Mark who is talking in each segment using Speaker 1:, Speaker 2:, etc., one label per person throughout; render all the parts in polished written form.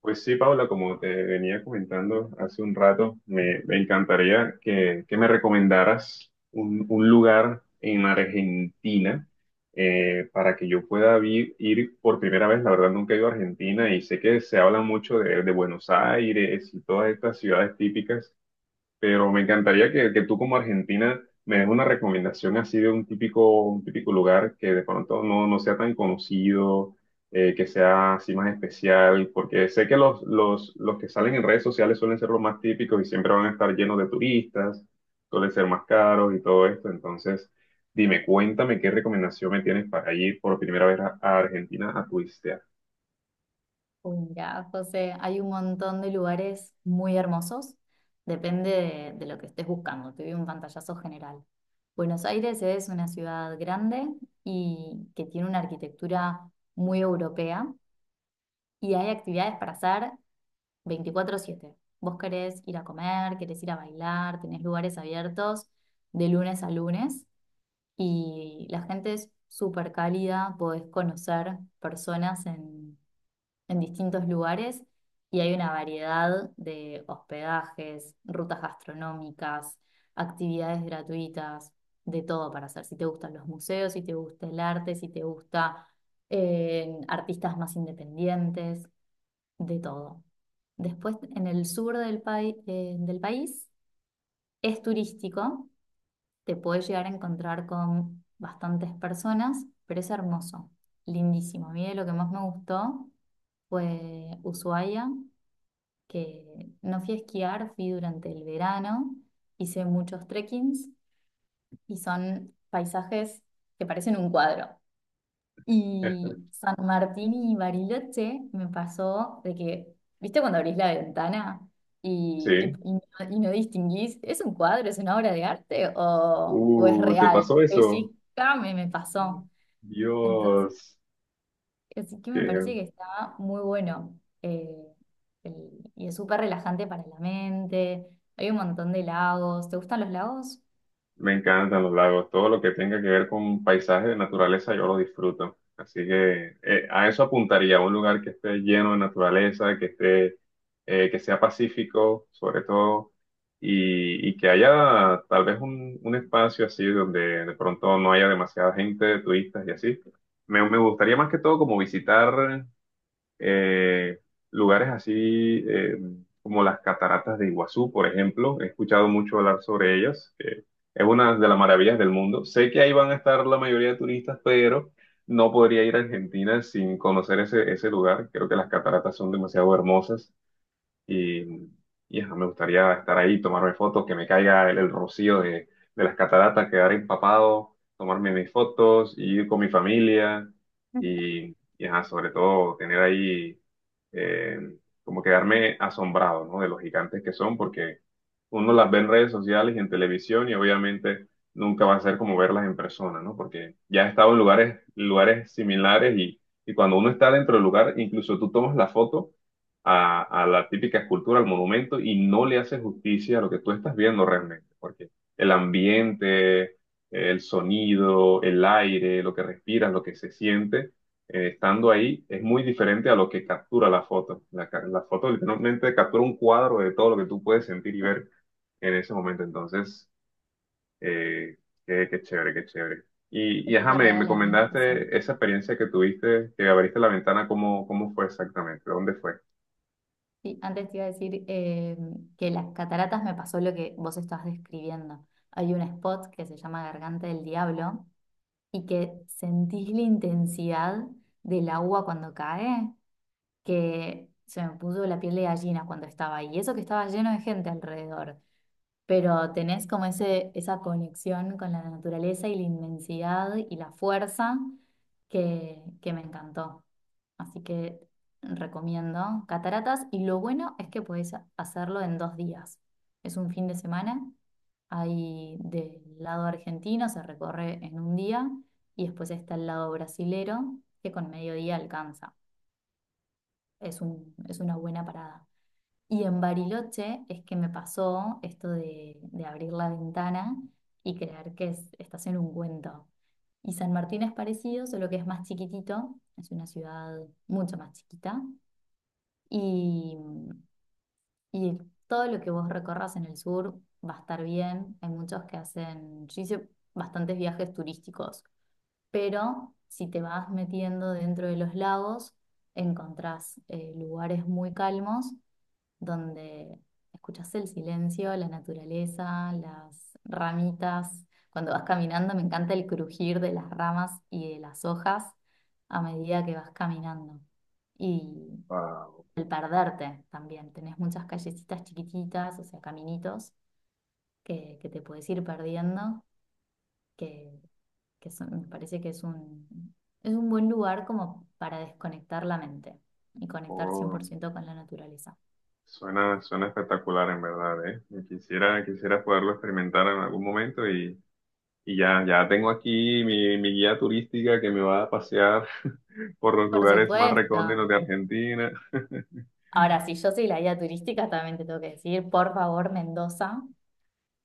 Speaker 1: Pues sí, Paula, como te venía comentando hace un rato, me encantaría que me recomendaras un lugar en Argentina para que yo pueda ir por primera vez. La verdad, nunca he ido a Argentina y sé que se habla mucho de Buenos Aires y todas estas ciudades típicas, pero me encantaría que tú como argentina me des una recomendación así de un típico lugar que de pronto no sea tan conocido, que sea así más especial, porque sé que los que salen en redes sociales suelen ser los más típicos y siempre van a estar llenos de turistas, suelen ser más caros y todo esto, entonces dime, cuéntame qué recomendación me tienes para ir por primera vez a Argentina a turistear.
Speaker 2: Mira, José, hay un montón de lugares muy hermosos, depende de lo que estés buscando, te doy un pantallazo general. Buenos Aires es una ciudad grande y que tiene una arquitectura muy europea y hay actividades para hacer 24/7. Vos querés ir a comer, querés ir a bailar, tenés lugares abiertos de lunes a lunes y la gente es súper cálida, podés conocer personas en distintos lugares y hay una variedad de hospedajes, rutas gastronómicas, actividades gratuitas, de todo para hacer. Si te gustan los museos, si te gusta el arte, si te gusta artistas más independientes, de todo. Después, en el sur del país es turístico, te puedes llegar a encontrar con bastantes personas, pero es hermoso, lindísimo. A mí de lo que más me gustó fue Ushuaia, que no fui a esquiar, fui durante el verano, hice muchos trekkings y son paisajes que parecen un cuadro. Y San Martín y Bariloche me pasó de que, ¿viste cuando abrís la ventana y, y-
Speaker 1: Sí,
Speaker 2: y no, y no distinguís, es un cuadro, es una obra de arte o es
Speaker 1: ¿te
Speaker 2: real?
Speaker 1: pasó eso?
Speaker 2: Pellizcame, me pasó.
Speaker 1: Dios,
Speaker 2: Así que me
Speaker 1: que
Speaker 2: parece que está muy bueno el- y es súper relajante para la mente. Hay un montón de lagos. ¿Te gustan los lagos?
Speaker 1: me encantan los lagos, todo lo que tenga que ver con paisaje de naturaleza yo lo disfruto. Así que a eso apuntaría, un lugar que esté lleno de naturaleza, que esté, que sea pacífico sobre todo, y que haya tal vez un espacio así donde de pronto no haya demasiada gente, turistas y así. Me gustaría más que todo como visitar eh, lugares así como las cataratas de Iguazú, por ejemplo. He escuchado mucho hablar sobre ellas, que es una de las maravillas del mundo. Sé que ahí van a estar la mayoría de turistas, pero no podría ir a Argentina sin conocer ese, ese lugar. Creo que las cataratas son demasiado hermosas. Y, y ajá, me gustaría estar ahí, tomarme fotos, que me caiga el rocío de las cataratas, quedar empapado, tomarme mis fotos, y ir con mi familia y ajá, sobre todo tener ahí eh, como quedarme asombrado, ¿no? De los gigantes que son, porque uno las ve en redes sociales y en televisión y obviamente nunca va a ser como verlas en persona, ¿no? Porque ya he estado en lugares, lugares similares y cuando uno está dentro del lugar, incluso tú tomas la foto a la típica escultura, al monumento, y no le hace justicia a lo que tú estás viendo realmente, porque el ambiente, el sonido, el aire, lo que respiras, lo que se siente, estando ahí, es muy diferente a lo que captura la foto. La foto literalmente captura un cuadro de todo lo que tú puedes sentir y ver en ese momento. Entonces, eh, qué, qué chévere, qué chévere. Y
Speaker 2: Es
Speaker 1: ajá,
Speaker 2: súper
Speaker 1: me,
Speaker 2: real,
Speaker 1: me
Speaker 2: a mí me pasó.
Speaker 1: comentaste esa experiencia que tuviste, que abriste la ventana, ¿cómo, cómo fue exactamente? ¿Dónde fue?
Speaker 2: Sí, antes te iba a decir que las cataratas me pasó lo que vos estás describiendo. Hay un spot que se llama Garganta del Diablo y que sentís la intensidad del agua cuando cae, que se me puso la piel de gallina cuando estaba ahí. Y eso que estaba lleno de gente alrededor, pero tenés como ese, esa conexión con la naturaleza y la inmensidad y la fuerza que me encantó. Así que recomiendo Cataratas y lo bueno es que podés hacerlo en 2 días. Es un fin de semana, ahí del lado argentino se recorre en un día y después está el lado brasilero que con mediodía alcanza. Es una buena parada. Y en Bariloche es que me pasó esto de abrir la ventana y creer que estás en un cuento. Y San Martín es parecido, solo que es más chiquitito, es una ciudad mucho más chiquita. Y, y todo lo que vos recorras en el sur va a estar bien. Hay muchos que hacen, yo hice bastantes viajes turísticos, pero si te vas metiendo dentro de los lagos, encontrás lugares muy calmos donde escuchas el silencio, la naturaleza, las ramitas. Cuando vas caminando, me encanta el crujir de las ramas y de las hojas a medida que vas caminando. Y
Speaker 1: Wow.
Speaker 2: el perderte también. Tenés muchas callecitas chiquititas, o sea, caminitos que te puedes ir perdiendo, que, me parece que es un buen lugar como para desconectar la mente y conectar cien
Speaker 1: Oh,
Speaker 2: por ciento con la naturaleza.
Speaker 1: suena, suena espectacular en verdad, ¿eh? Y quisiera, quisiera poderlo experimentar en algún momento y ya, ya tengo aquí mi, mi guía turística que me va a pasear por los
Speaker 2: Por
Speaker 1: lugares más recónditos
Speaker 2: supuesto.
Speaker 1: de Argentina.
Speaker 2: Ahora, si yo soy la guía turística, también te tengo que decir, por favor, Mendoza,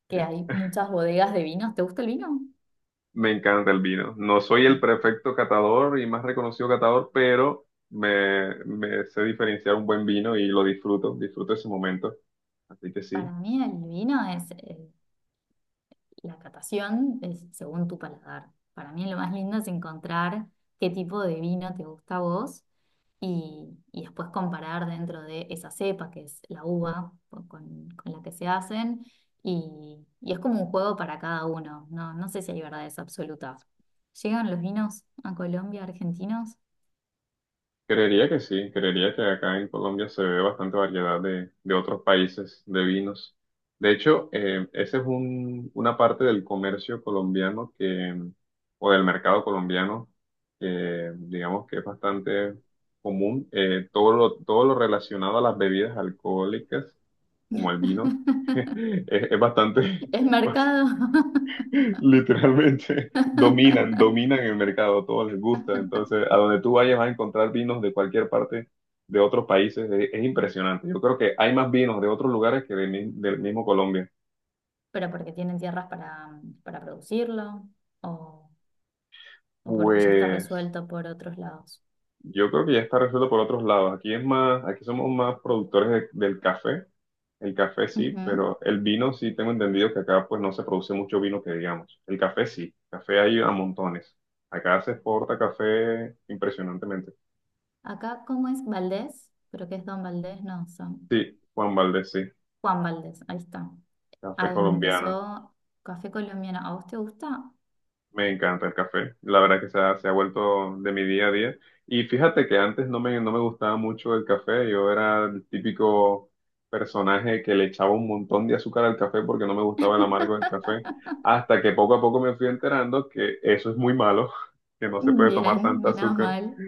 Speaker 2: que hay muchas bodegas de vinos. ¿Te gusta el vino?
Speaker 1: Me encanta el vino. No soy el perfecto catador y más reconocido catador, pero me sé diferenciar un buen vino y lo disfruto, disfruto ese momento. Así que
Speaker 2: Para
Speaker 1: sí.
Speaker 2: mí el vino es, la catación es según tu paladar. Para mí lo más lindo es encontrar qué tipo de vino te gusta a vos y después comparar dentro de esa cepa, que es la uva con la que se hacen. Y es como un juego para cada uno. No, no sé si hay verdades absolutas. ¿Llegan los vinos a Colombia, argentinos?
Speaker 1: Creería que sí, creería que acá en Colombia se ve bastante variedad de otros países de vinos. De hecho, esa es una parte del comercio colombiano que, o del mercado colombiano, que digamos que es bastante común. Todo lo relacionado a las bebidas alcohólicas, como el vino, es bastante,
Speaker 2: Es mercado.
Speaker 1: literalmente dominan, dominan el mercado, a todos les gusta. Entonces, a donde tú vayas vas a encontrar vinos de cualquier parte de otros países. Es impresionante. Yo creo que hay más vinos de otros lugares que de del mismo Colombia.
Speaker 2: Pero porque tienen tierras para producirlo o, o porque ya está
Speaker 1: Pues
Speaker 2: resuelto por otros lados.
Speaker 1: yo creo que ya está resuelto por otros lados. Aquí es más, aquí somos más productores del café. El café sí,
Speaker 2: Ujú.
Speaker 1: pero el vino sí tengo entendido que acá pues no se produce mucho vino que digamos. El café sí, café hay a montones. Acá se exporta café impresionantemente.
Speaker 2: Acá, ¿cómo es Valdés? Pero que es Don Valdés, no, son
Speaker 1: Sí, Juan Valdés, sí.
Speaker 2: Juan Valdés, ahí está.
Speaker 1: Café
Speaker 2: Ahí
Speaker 1: colombiano.
Speaker 2: empezó Café Colombiano. ¿A vos te gusta?
Speaker 1: Me encanta el café. La verdad que se ha vuelto de mi día a día. Y fíjate que antes no no me gustaba mucho el café. Yo era el típico personaje que le echaba un montón de azúcar al café porque no me gustaba el amargo del café. Hasta que poco a poco me fui enterando que eso es muy malo, que no se puede tomar
Speaker 2: Bien,
Speaker 1: tanta
Speaker 2: menos
Speaker 1: azúcar.
Speaker 2: mal.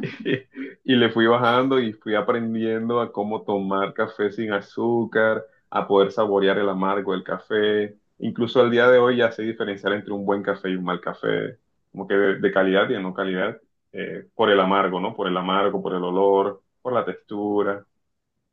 Speaker 1: Y le fui bajando y fui aprendiendo a cómo tomar café sin azúcar, a poder saborear el amargo del café. Incluso al día de hoy ya sé diferenciar entre un buen café y un mal café, como que de calidad y de no calidad, por el amargo, ¿no? Por el amargo, por el olor, por la textura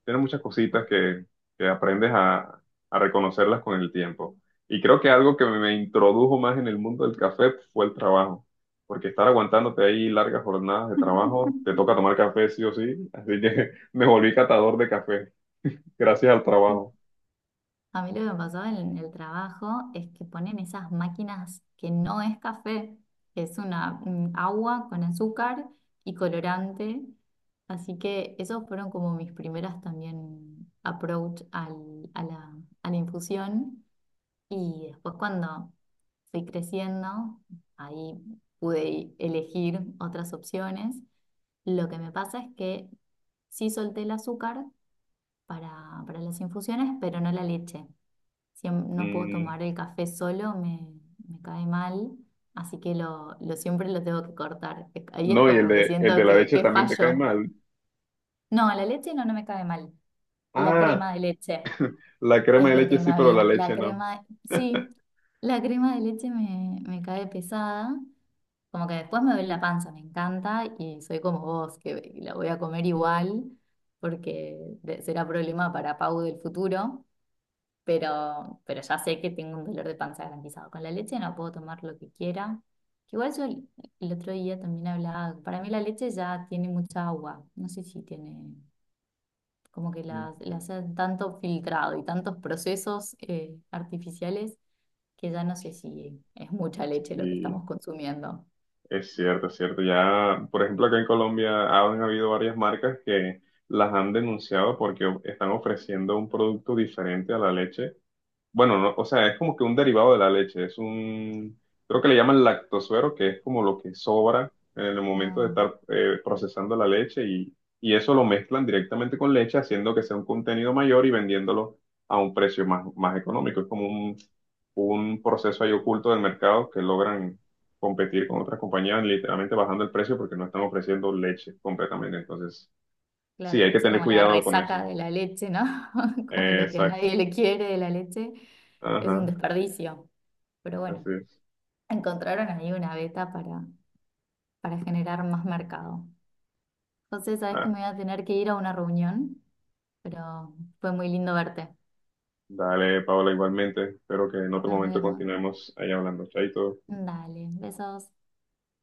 Speaker 1: tiene muchas cositas que aprendes a reconocerlas con el tiempo. Y creo que algo que me introdujo más en el mundo del café fue el trabajo, porque estar aguantándote ahí largas jornadas de trabajo, te toca tomar café sí o sí, así que me volví catador de café, gracias al
Speaker 2: Sí.
Speaker 1: trabajo.
Speaker 2: A mí lo que me pasó en el trabajo es que ponen esas máquinas que no es café, es una un agua con azúcar y colorante. Así que esos fueron como mis primeras también approach a la infusión. Y después cuando fui creciendo, ahí pude elegir otras opciones. Lo que me pasa es que sí solté el azúcar para las infusiones, pero no la leche, no puedo
Speaker 1: Mm,
Speaker 2: tomar el café solo, me cae mal, así que lo siempre lo tengo que cortar. Ahí es
Speaker 1: no, y
Speaker 2: como que
Speaker 1: el de
Speaker 2: siento
Speaker 1: la
Speaker 2: que,
Speaker 1: leche
Speaker 2: que
Speaker 1: también te cae
Speaker 2: fallo.
Speaker 1: mal.
Speaker 2: No, la leche no, no me cae mal. La
Speaker 1: Ah,
Speaker 2: crema de leche
Speaker 1: la crema
Speaker 2: es
Speaker 1: de
Speaker 2: lo
Speaker 1: leche
Speaker 2: que me
Speaker 1: sí, pero
Speaker 2: había.
Speaker 1: la
Speaker 2: La
Speaker 1: leche no.
Speaker 2: crema, sí, la crema de leche me cae pesada. Como que después me duele la panza, me encanta y soy como vos, que la voy a comer igual porque será problema para Pau del futuro, pero ya sé que tengo un dolor de panza garantizado. Con la leche no puedo tomar lo que quiera. Que igual yo el otro día también hablaba, para mí la leche ya tiene mucha agua, no sé si tiene, como que la hacen tanto filtrado y tantos procesos artificiales que ya no sé si es mucha leche lo que
Speaker 1: Y
Speaker 2: estamos consumiendo.
Speaker 1: es cierto, es cierto. Ya, por ejemplo, acá en Colombia han habido varias marcas que las han denunciado porque están ofreciendo un producto diferente a la leche, bueno, no, o sea, es como que un derivado de la leche, es un, creo que le llaman lactosuero, que es como lo que sobra en el momento
Speaker 2: Ah,
Speaker 1: de estar procesando la leche y eso lo mezclan directamente con leche, haciendo que sea un contenido mayor y vendiéndolo a un precio más, más económico. Es como un proceso ahí oculto del mercado que logran competir con otras compañías, literalmente bajando el precio porque no están ofreciendo leche completamente. Entonces, sí,
Speaker 2: claro,
Speaker 1: hay que
Speaker 2: parece
Speaker 1: tener
Speaker 2: como la
Speaker 1: cuidado con
Speaker 2: resaca
Speaker 1: eso.
Speaker 2: de la leche, ¿no? Como lo que a
Speaker 1: Exacto.
Speaker 2: nadie le quiere de la leche, es un
Speaker 1: Ajá,
Speaker 2: desperdicio, pero
Speaker 1: así
Speaker 2: bueno.
Speaker 1: es.
Speaker 2: Encontraron ahí una beta para generar más mercado. Entonces sabes que me voy a tener que ir a una reunión, pero fue muy lindo verte.
Speaker 1: Dale, Paola, igualmente. Espero que en otro
Speaker 2: Nos
Speaker 1: momento
Speaker 2: vemos.
Speaker 1: continuemos ahí hablando. Chaito.
Speaker 2: Dale, besos.